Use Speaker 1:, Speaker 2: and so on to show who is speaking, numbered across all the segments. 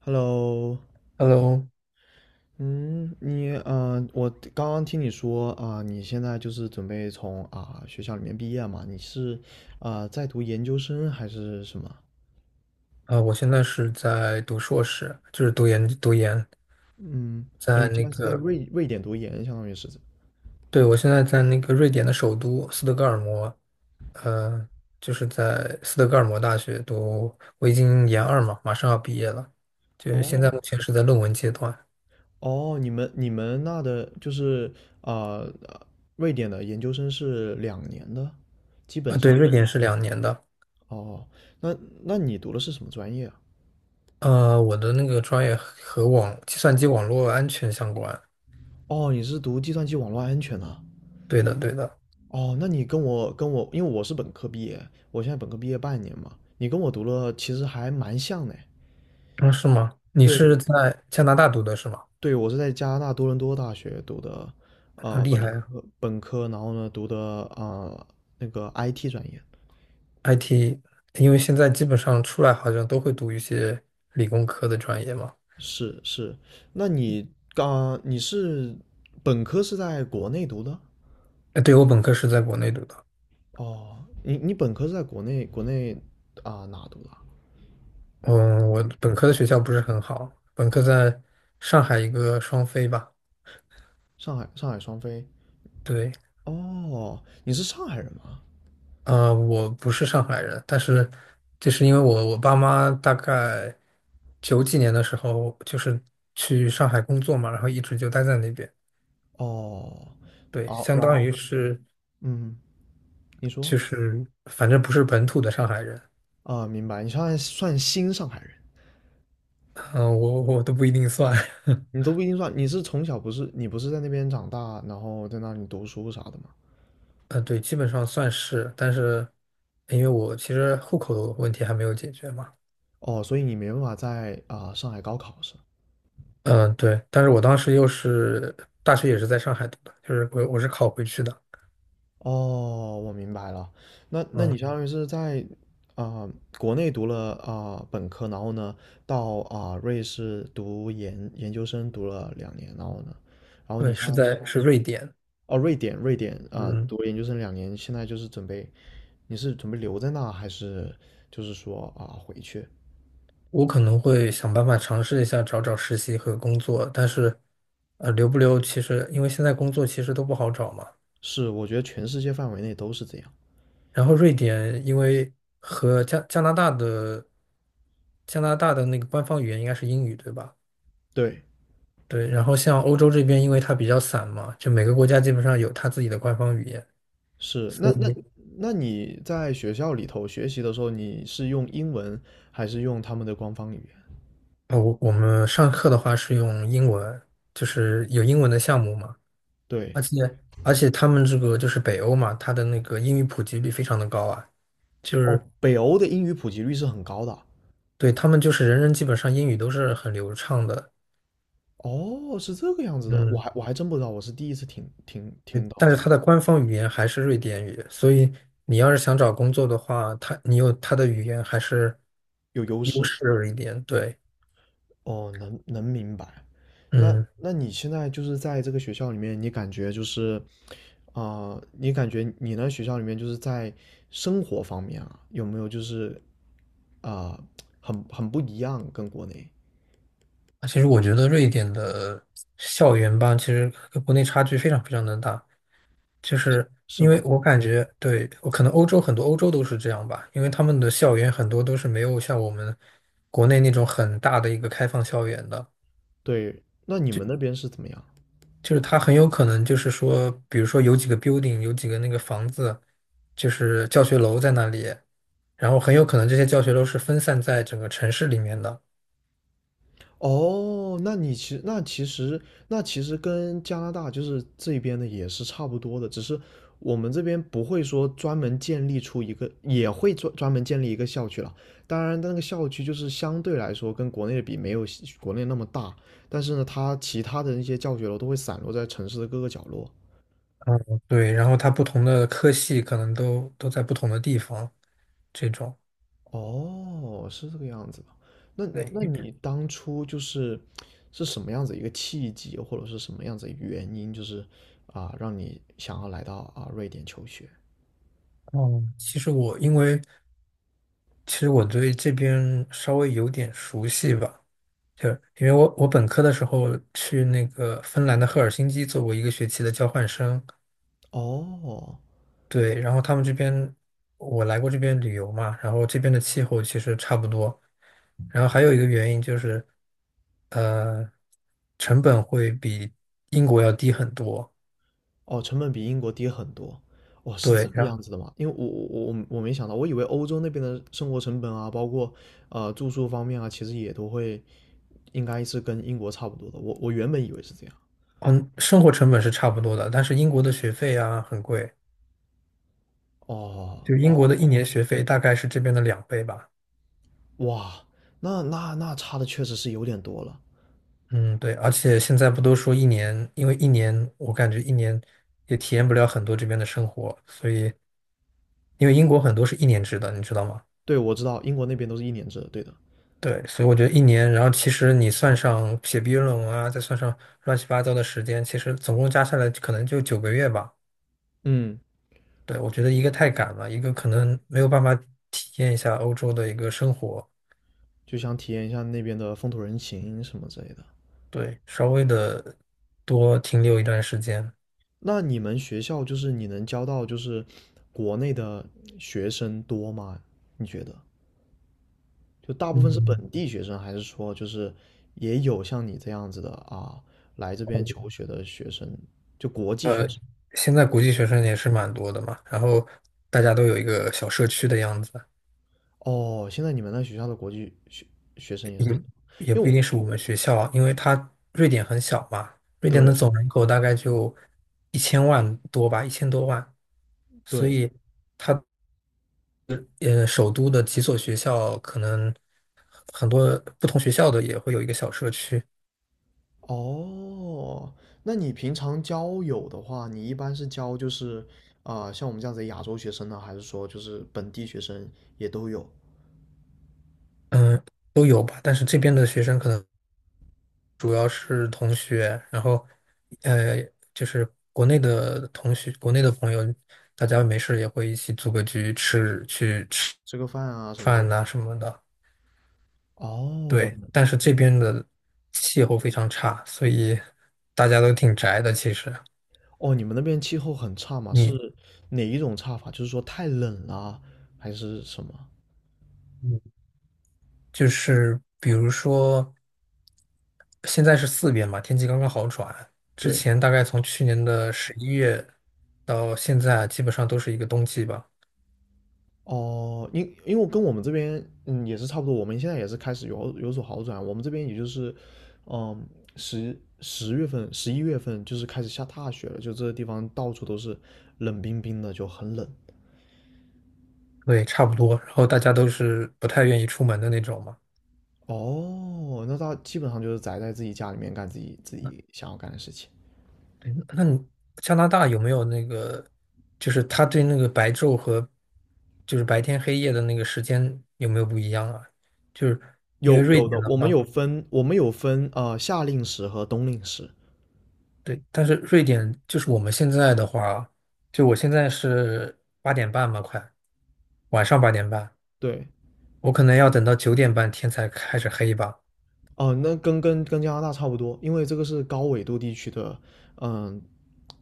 Speaker 1: Hello，
Speaker 2: Hello。
Speaker 1: 嗯，我刚刚听你说啊、你现在就是准备学校里面毕业嘛？你是啊、在读研究生还是什么？
Speaker 2: 我现在是在读硕士，就是读研，
Speaker 1: 嗯，哦，
Speaker 2: 在
Speaker 1: 你现
Speaker 2: 那
Speaker 1: 在是在
Speaker 2: 个，
Speaker 1: 瑞典读研，相当于是
Speaker 2: 对，我现在在那个瑞典的首都斯德哥尔摩，呃，就是在斯德哥尔摩大学读，我已经研二嘛，马上要毕业了，就是现在
Speaker 1: 哦
Speaker 2: 目前是在论文阶段。
Speaker 1: 哦，你们那的就是啊、呃瑞典的研究生是两年的，基本
Speaker 2: 对，
Speaker 1: 上
Speaker 2: 瑞典是2年的。
Speaker 1: 哦。那那你读的是什么专业啊？
Speaker 2: 我的那个专业和计算机网络安全相关。
Speaker 1: 哦，你是读计算机网络安全的。
Speaker 2: 对的，对的。
Speaker 1: 哦，那你跟我，因为我是本科毕业，我现在本科毕业半年嘛，你跟我读了其实还蛮像的。
Speaker 2: 嗯，是吗？你
Speaker 1: 对，
Speaker 2: 是在加拿大读的是吗？
Speaker 1: 对，我是在加拿大多伦多大学读的，
Speaker 2: 那厉
Speaker 1: 本
Speaker 2: 害
Speaker 1: 科
Speaker 2: 啊。
Speaker 1: 然后呢读的那个 IT 专业。
Speaker 2: IT，因为现在基本上出来好像都会读一些理工科的专业嘛。
Speaker 1: 是是，那你你是本科是在国内读的？
Speaker 2: 哎，对，我本科是在国内读的。
Speaker 1: 哦，你本科是在国内啊、哪读的啊
Speaker 2: 嗯，我本科的学校不是很好，本科在上海一个双非吧。
Speaker 1: 上海双飞。
Speaker 2: 对。
Speaker 1: 哦，你是上海人吗？
Speaker 2: 我不是上海人，但是就是因为我爸妈大概九几年的时候就是去上海工作嘛，然后一直就待在那边。
Speaker 1: 哦，
Speaker 2: 对，
Speaker 1: 哦，
Speaker 2: 相
Speaker 1: 然
Speaker 2: 当
Speaker 1: 后
Speaker 2: 于是
Speaker 1: 嗯，你说
Speaker 2: 就是反正不是本土的上海人。
Speaker 1: 啊，明白。你算新上海人，
Speaker 2: 嗯、我都不一定算。
Speaker 1: 你都不一定算。你是从小不是你不是在那边长大，然后在那里读书啥的吗？
Speaker 2: 对，基本上算是，但是因为我其实户口的问题还没有解决嘛。
Speaker 1: 哦，所以你没办法在啊、上海高考是？
Speaker 2: 嗯，对，但是我当时又是大学也是在上海读的，就是我是考回去的。
Speaker 1: 哦，我明白了。那那你
Speaker 2: 嗯，
Speaker 1: 相当于是在啊、国内读了啊、本科，然后呢到啊、瑞士读研究生读了两年，然后呢，然后你
Speaker 2: 对，
Speaker 1: 现
Speaker 2: 是
Speaker 1: 在是
Speaker 2: 瑞典。
Speaker 1: 哦瑞典啊、
Speaker 2: 嗯，
Speaker 1: 读了研究生两年，现在就是准备你是准备留在那，还是就是说啊回去？
Speaker 2: 我可能会想办法尝试一下找找实习和工作，但是留不留其实因为现在工作其实都不好找嘛。
Speaker 1: 是，我觉得全世界范围内都是这样。
Speaker 2: 然后瑞典因为和加加拿大的加拿大的那个官方语言应该是英语，对吧？
Speaker 1: 对，
Speaker 2: 对，然后像欧洲这边，因为它比较散嘛，就每个国家基本上有它自己的官方语言，
Speaker 1: 是。
Speaker 2: 所
Speaker 1: 那
Speaker 2: 以
Speaker 1: 那你在学校里头学习的时候，你是用英文还是用他们的官方语言？
Speaker 2: 哦，我们上课的话是用英文，就是有英文的项目嘛。
Speaker 1: 对，
Speaker 2: 而且他们这个就是北欧嘛，它的那个英语普及率非常的高啊。就
Speaker 1: 哦，
Speaker 2: 是
Speaker 1: 北欧的英语普及率是很高的。
Speaker 2: 对他们就是人人基本上英语都是很流畅的。
Speaker 1: 哦，是这个样子的，我
Speaker 2: 嗯，
Speaker 1: 还我还真不知道，我是第一次
Speaker 2: 对
Speaker 1: 听到
Speaker 2: 但是
Speaker 1: 这个
Speaker 2: 它的官方语言还是瑞典语，所以你要是想找工作的话，它你有它的语言还是
Speaker 1: 有优
Speaker 2: 优
Speaker 1: 势。
Speaker 2: 势一点，对。
Speaker 1: 哦，明白。那
Speaker 2: 嗯。
Speaker 1: 那你现在就是在这个学校里面，你感觉就是啊、你感觉你那学校里面就是在生活方面啊，有没有就是啊、很不一样，跟国内
Speaker 2: 其实我觉得瑞典的校园吧，其实跟国内差距非常非常的大。就是
Speaker 1: 是
Speaker 2: 因为
Speaker 1: 吗？
Speaker 2: 我感觉，对，我可能欧洲很多欧洲都是这样吧，因为他们的校园很多都是没有像我们国内那种很大的一个开放校园的。
Speaker 1: 对，那你们那边是怎么样？
Speaker 2: 就是它很有可能就是说，比如说有几个 building,有几个那个房子，就是教学楼在那里，然后很有可能这些教学楼是分散在整个城市里面的。
Speaker 1: 哦，那你其实那其实那其实跟加拿大就是这边的也是差不多的，只是我们这边不会说专门建立出一个，也会专门建立一个校区了。当然，那个校区就是相对来说跟国内的比没有国内那么大，但是呢，它其他的那些教学楼都会散落在城市的各个角落，
Speaker 2: 嗯，对，然后它不同的科系可能都在不同的地方。这种。
Speaker 1: 哦，是这个样子的。那那
Speaker 2: 对。
Speaker 1: 你当初就是是什么样子一个契机，或者是什么样子的原因，就是啊，让你想要来到啊瑞典求学？
Speaker 2: 嗯，其实我因为其实我对这边稍微有点熟悉吧。就因为我本科的时候去那个芬兰的赫尔辛基做过一个学期的交换生。
Speaker 1: 哦
Speaker 2: 对，然后他们这边我来过这边旅游嘛，然后这边的气候其实差不多。然后还有一个原因就是，呃，成本会比英国要低很多。
Speaker 1: 哦，成本比英国低很多。哦，是这
Speaker 2: 对，
Speaker 1: 个
Speaker 2: 然后
Speaker 1: 样子的吗？因为我没想到，我以为欧洲那边的生活成本啊，包括呃住宿方面啊，其实也都会应该是跟英国差不多的。我原本以为是这样。
Speaker 2: 嗯，生活成本是差不多的，但是英国的学费啊很贵。
Speaker 1: 哦
Speaker 2: 就英国
Speaker 1: 哦，
Speaker 2: 的一年学费大概是这边的2倍吧。
Speaker 1: 哇，那差的确实是有点多了。
Speaker 2: 嗯，对，而且现在不都说一年，因为一年我感觉一年也体验不了很多这边的生活，所以因为英国很多是一年制的，你知道吗？
Speaker 1: 对，我知道英国那边都是一年制的，对的。
Speaker 2: 对，所以我觉得一年，然后其实你算上写毕业论文啊，再算上乱七八糟的时间，其实总共加下来可能就9个月吧。
Speaker 1: 嗯，
Speaker 2: 对，我觉得一个太赶了，一个可能没有办法体验一下欧洲的一个生活。
Speaker 1: 就想体验一下那边的风土人情什么之类的。
Speaker 2: 对，稍微的多停留一段时间。
Speaker 1: 那你们学校就是你能教到就是国内的学生多吗？你觉得？就大部分是
Speaker 2: 嗯。
Speaker 1: 本地学生，还是说就是也有像你这样子的啊，来这边求学的学生，就国际学
Speaker 2: 呃，
Speaker 1: 生？
Speaker 2: 现在国际学生也是蛮多的嘛，然后大家都有一个小社区的样子。
Speaker 1: 哦，现在你们那学校的国际学生也是挺
Speaker 2: 也
Speaker 1: 多，
Speaker 2: 也
Speaker 1: 因为
Speaker 2: 不一
Speaker 1: 我
Speaker 2: 定是我们学校啊因为它瑞典很小嘛，瑞典的
Speaker 1: 对
Speaker 2: 总人口大概就1000万多吧，1000多万，所
Speaker 1: 对，
Speaker 2: 以首都的几所学校可能很多不同学校的也会有一个小社区。
Speaker 1: 哦，那你平常交友的话，你一般是交就是啊、像我们这样子的亚洲学生呢，还是说就是本地学生也都有，
Speaker 2: 嗯，都有吧，但是这边的学生可能。主要是同学，然后呃，就是国内的同学，国内的朋友，大家没事也会一起组个局吃，去吃
Speaker 1: 吃个饭啊什么之类
Speaker 2: 饭
Speaker 1: 的？
Speaker 2: 呐、什么的。
Speaker 1: 哦，我
Speaker 2: 对，
Speaker 1: 们
Speaker 2: 但是这边的气候非常差，所以大家都挺宅的。其实
Speaker 1: 哦，你们那边气候很差嘛？
Speaker 2: 你
Speaker 1: 是哪一种差法？就是说太冷了，还是什么？
Speaker 2: 嗯就是比如说，现在是4月嘛，天气刚刚好转，之
Speaker 1: 对，
Speaker 2: 前大概从去年的十一月到现在，基本上都是一个冬季吧。
Speaker 1: 哦，因为我跟我们这边嗯也是差不多，我们现在也是开始有所好转。我们这边也就是嗯十月份、十一月份就是开始下大雪了，就这个地方到处都是冷冰冰的，就很冷。
Speaker 2: 对，差不多。然后大家都是不太愿意出门的那种嘛。
Speaker 1: 哦，那他基本上就是宅在自己家里面干自己自
Speaker 2: 那
Speaker 1: 己想要干的事情。
Speaker 2: 对，那你加拿大有没有那个，就是他对那个白昼和就是白天黑夜的那个时间有没有不一样啊？就是因为
Speaker 1: 有
Speaker 2: 瑞
Speaker 1: 有
Speaker 2: 典
Speaker 1: 的，
Speaker 2: 的
Speaker 1: 我们
Speaker 2: 话，
Speaker 1: 有分，我们有分呃夏令时和冬令时。
Speaker 2: 对，但是瑞典就是我们现在的话，就我现在是八点半嘛，快晚上八点半，
Speaker 1: 对，
Speaker 2: 我可能要等到9点半天才开始黑吧。
Speaker 1: 哦，那跟加拿大差不多，因为这个是高纬度地区的，嗯，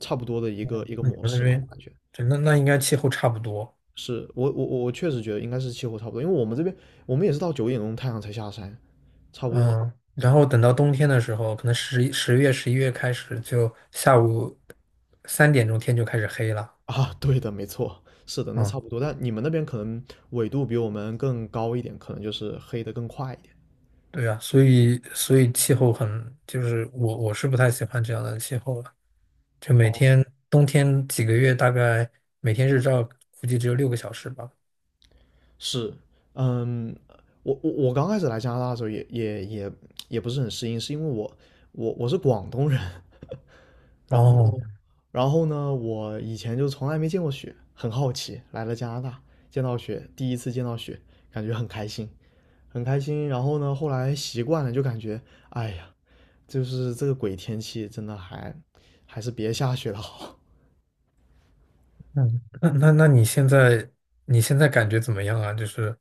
Speaker 1: 差不多的一个
Speaker 2: 那你
Speaker 1: 模
Speaker 2: 们那
Speaker 1: 式嘛，我
Speaker 2: 边，
Speaker 1: 感觉
Speaker 2: 对，那应该气候差不多。
Speaker 1: 是我确实觉得应该是气候差不多，因为我们这边我们也是到九点钟太阳才下山，差不多
Speaker 2: 嗯，然后等到冬天的时候，可能10月、十一月开始，就下午3点钟天就开始黑了。
Speaker 1: 啊，对的，没错，是的，那
Speaker 2: 嗯，
Speaker 1: 差不多，但你们那边可能纬度比我们更高一点，可能就是黑的更快一点。
Speaker 2: 所以气候很，就是我是不太喜欢这样的气候了。就每
Speaker 1: 哦，
Speaker 2: 天冬天几个月，大概每天日照估计只有6个小时吧。
Speaker 1: 是，嗯，我刚开始来加拿大的时候也不是很适应，是因为我我是广东人，然
Speaker 2: 哦，
Speaker 1: 后，然后呢，我以前就从来没见过雪，很好奇，来了加拿大，见到雪，第一次见到雪，感觉很开心，很开心。然后呢，后来习惯了，就感觉，哎呀，就是这个鬼天气，真的还还是别下雪了好。
Speaker 2: 嗯，那你现在感觉怎么样啊？就是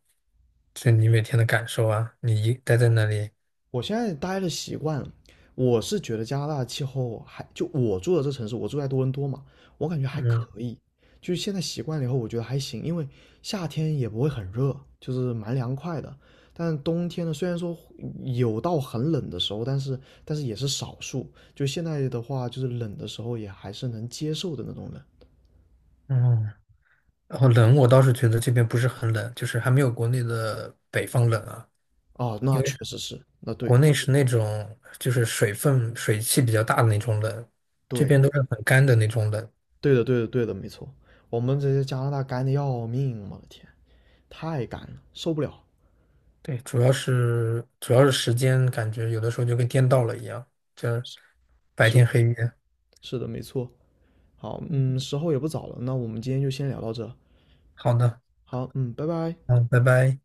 Speaker 2: 就你每天的感受啊，你一待在那里，
Speaker 1: 我现在待的习惯了，我是觉得加拿大的气候还就我住的这城市，我住在多伦多嘛，我感觉还
Speaker 2: 嗯
Speaker 1: 可以。就是现在习惯了以后，我觉得还行，因为夏天也不会很热，就是蛮凉快的。但冬天呢，虽然说有到很冷的时候，但是但是也是少数。就现在的话，就是冷的时候也还是能接受的那种冷。
Speaker 2: 嗯。然后冷，我倒是觉得这边不是很冷，就是还没有国内的北方冷啊。
Speaker 1: 哦，
Speaker 2: 因
Speaker 1: 那确
Speaker 2: 为
Speaker 1: 实是，那对
Speaker 2: 国
Speaker 1: 的，
Speaker 2: 内是那种就是水分、水汽比较大的那种冷，这
Speaker 1: 对，
Speaker 2: 边都是很干的那种冷。
Speaker 1: 对的，对的，对的，没错。我们这些加拿大干的要命，我的天，太干了，受不了。
Speaker 2: 对，主要是时间，感觉有的时候就跟颠倒了一样，这白
Speaker 1: 是
Speaker 2: 天黑夜。
Speaker 1: 是的，没错。好，嗯，时候也不早了，那我们今天就先聊到这。
Speaker 2: 好的，
Speaker 1: 好，嗯，拜拜。
Speaker 2: 嗯，拜拜。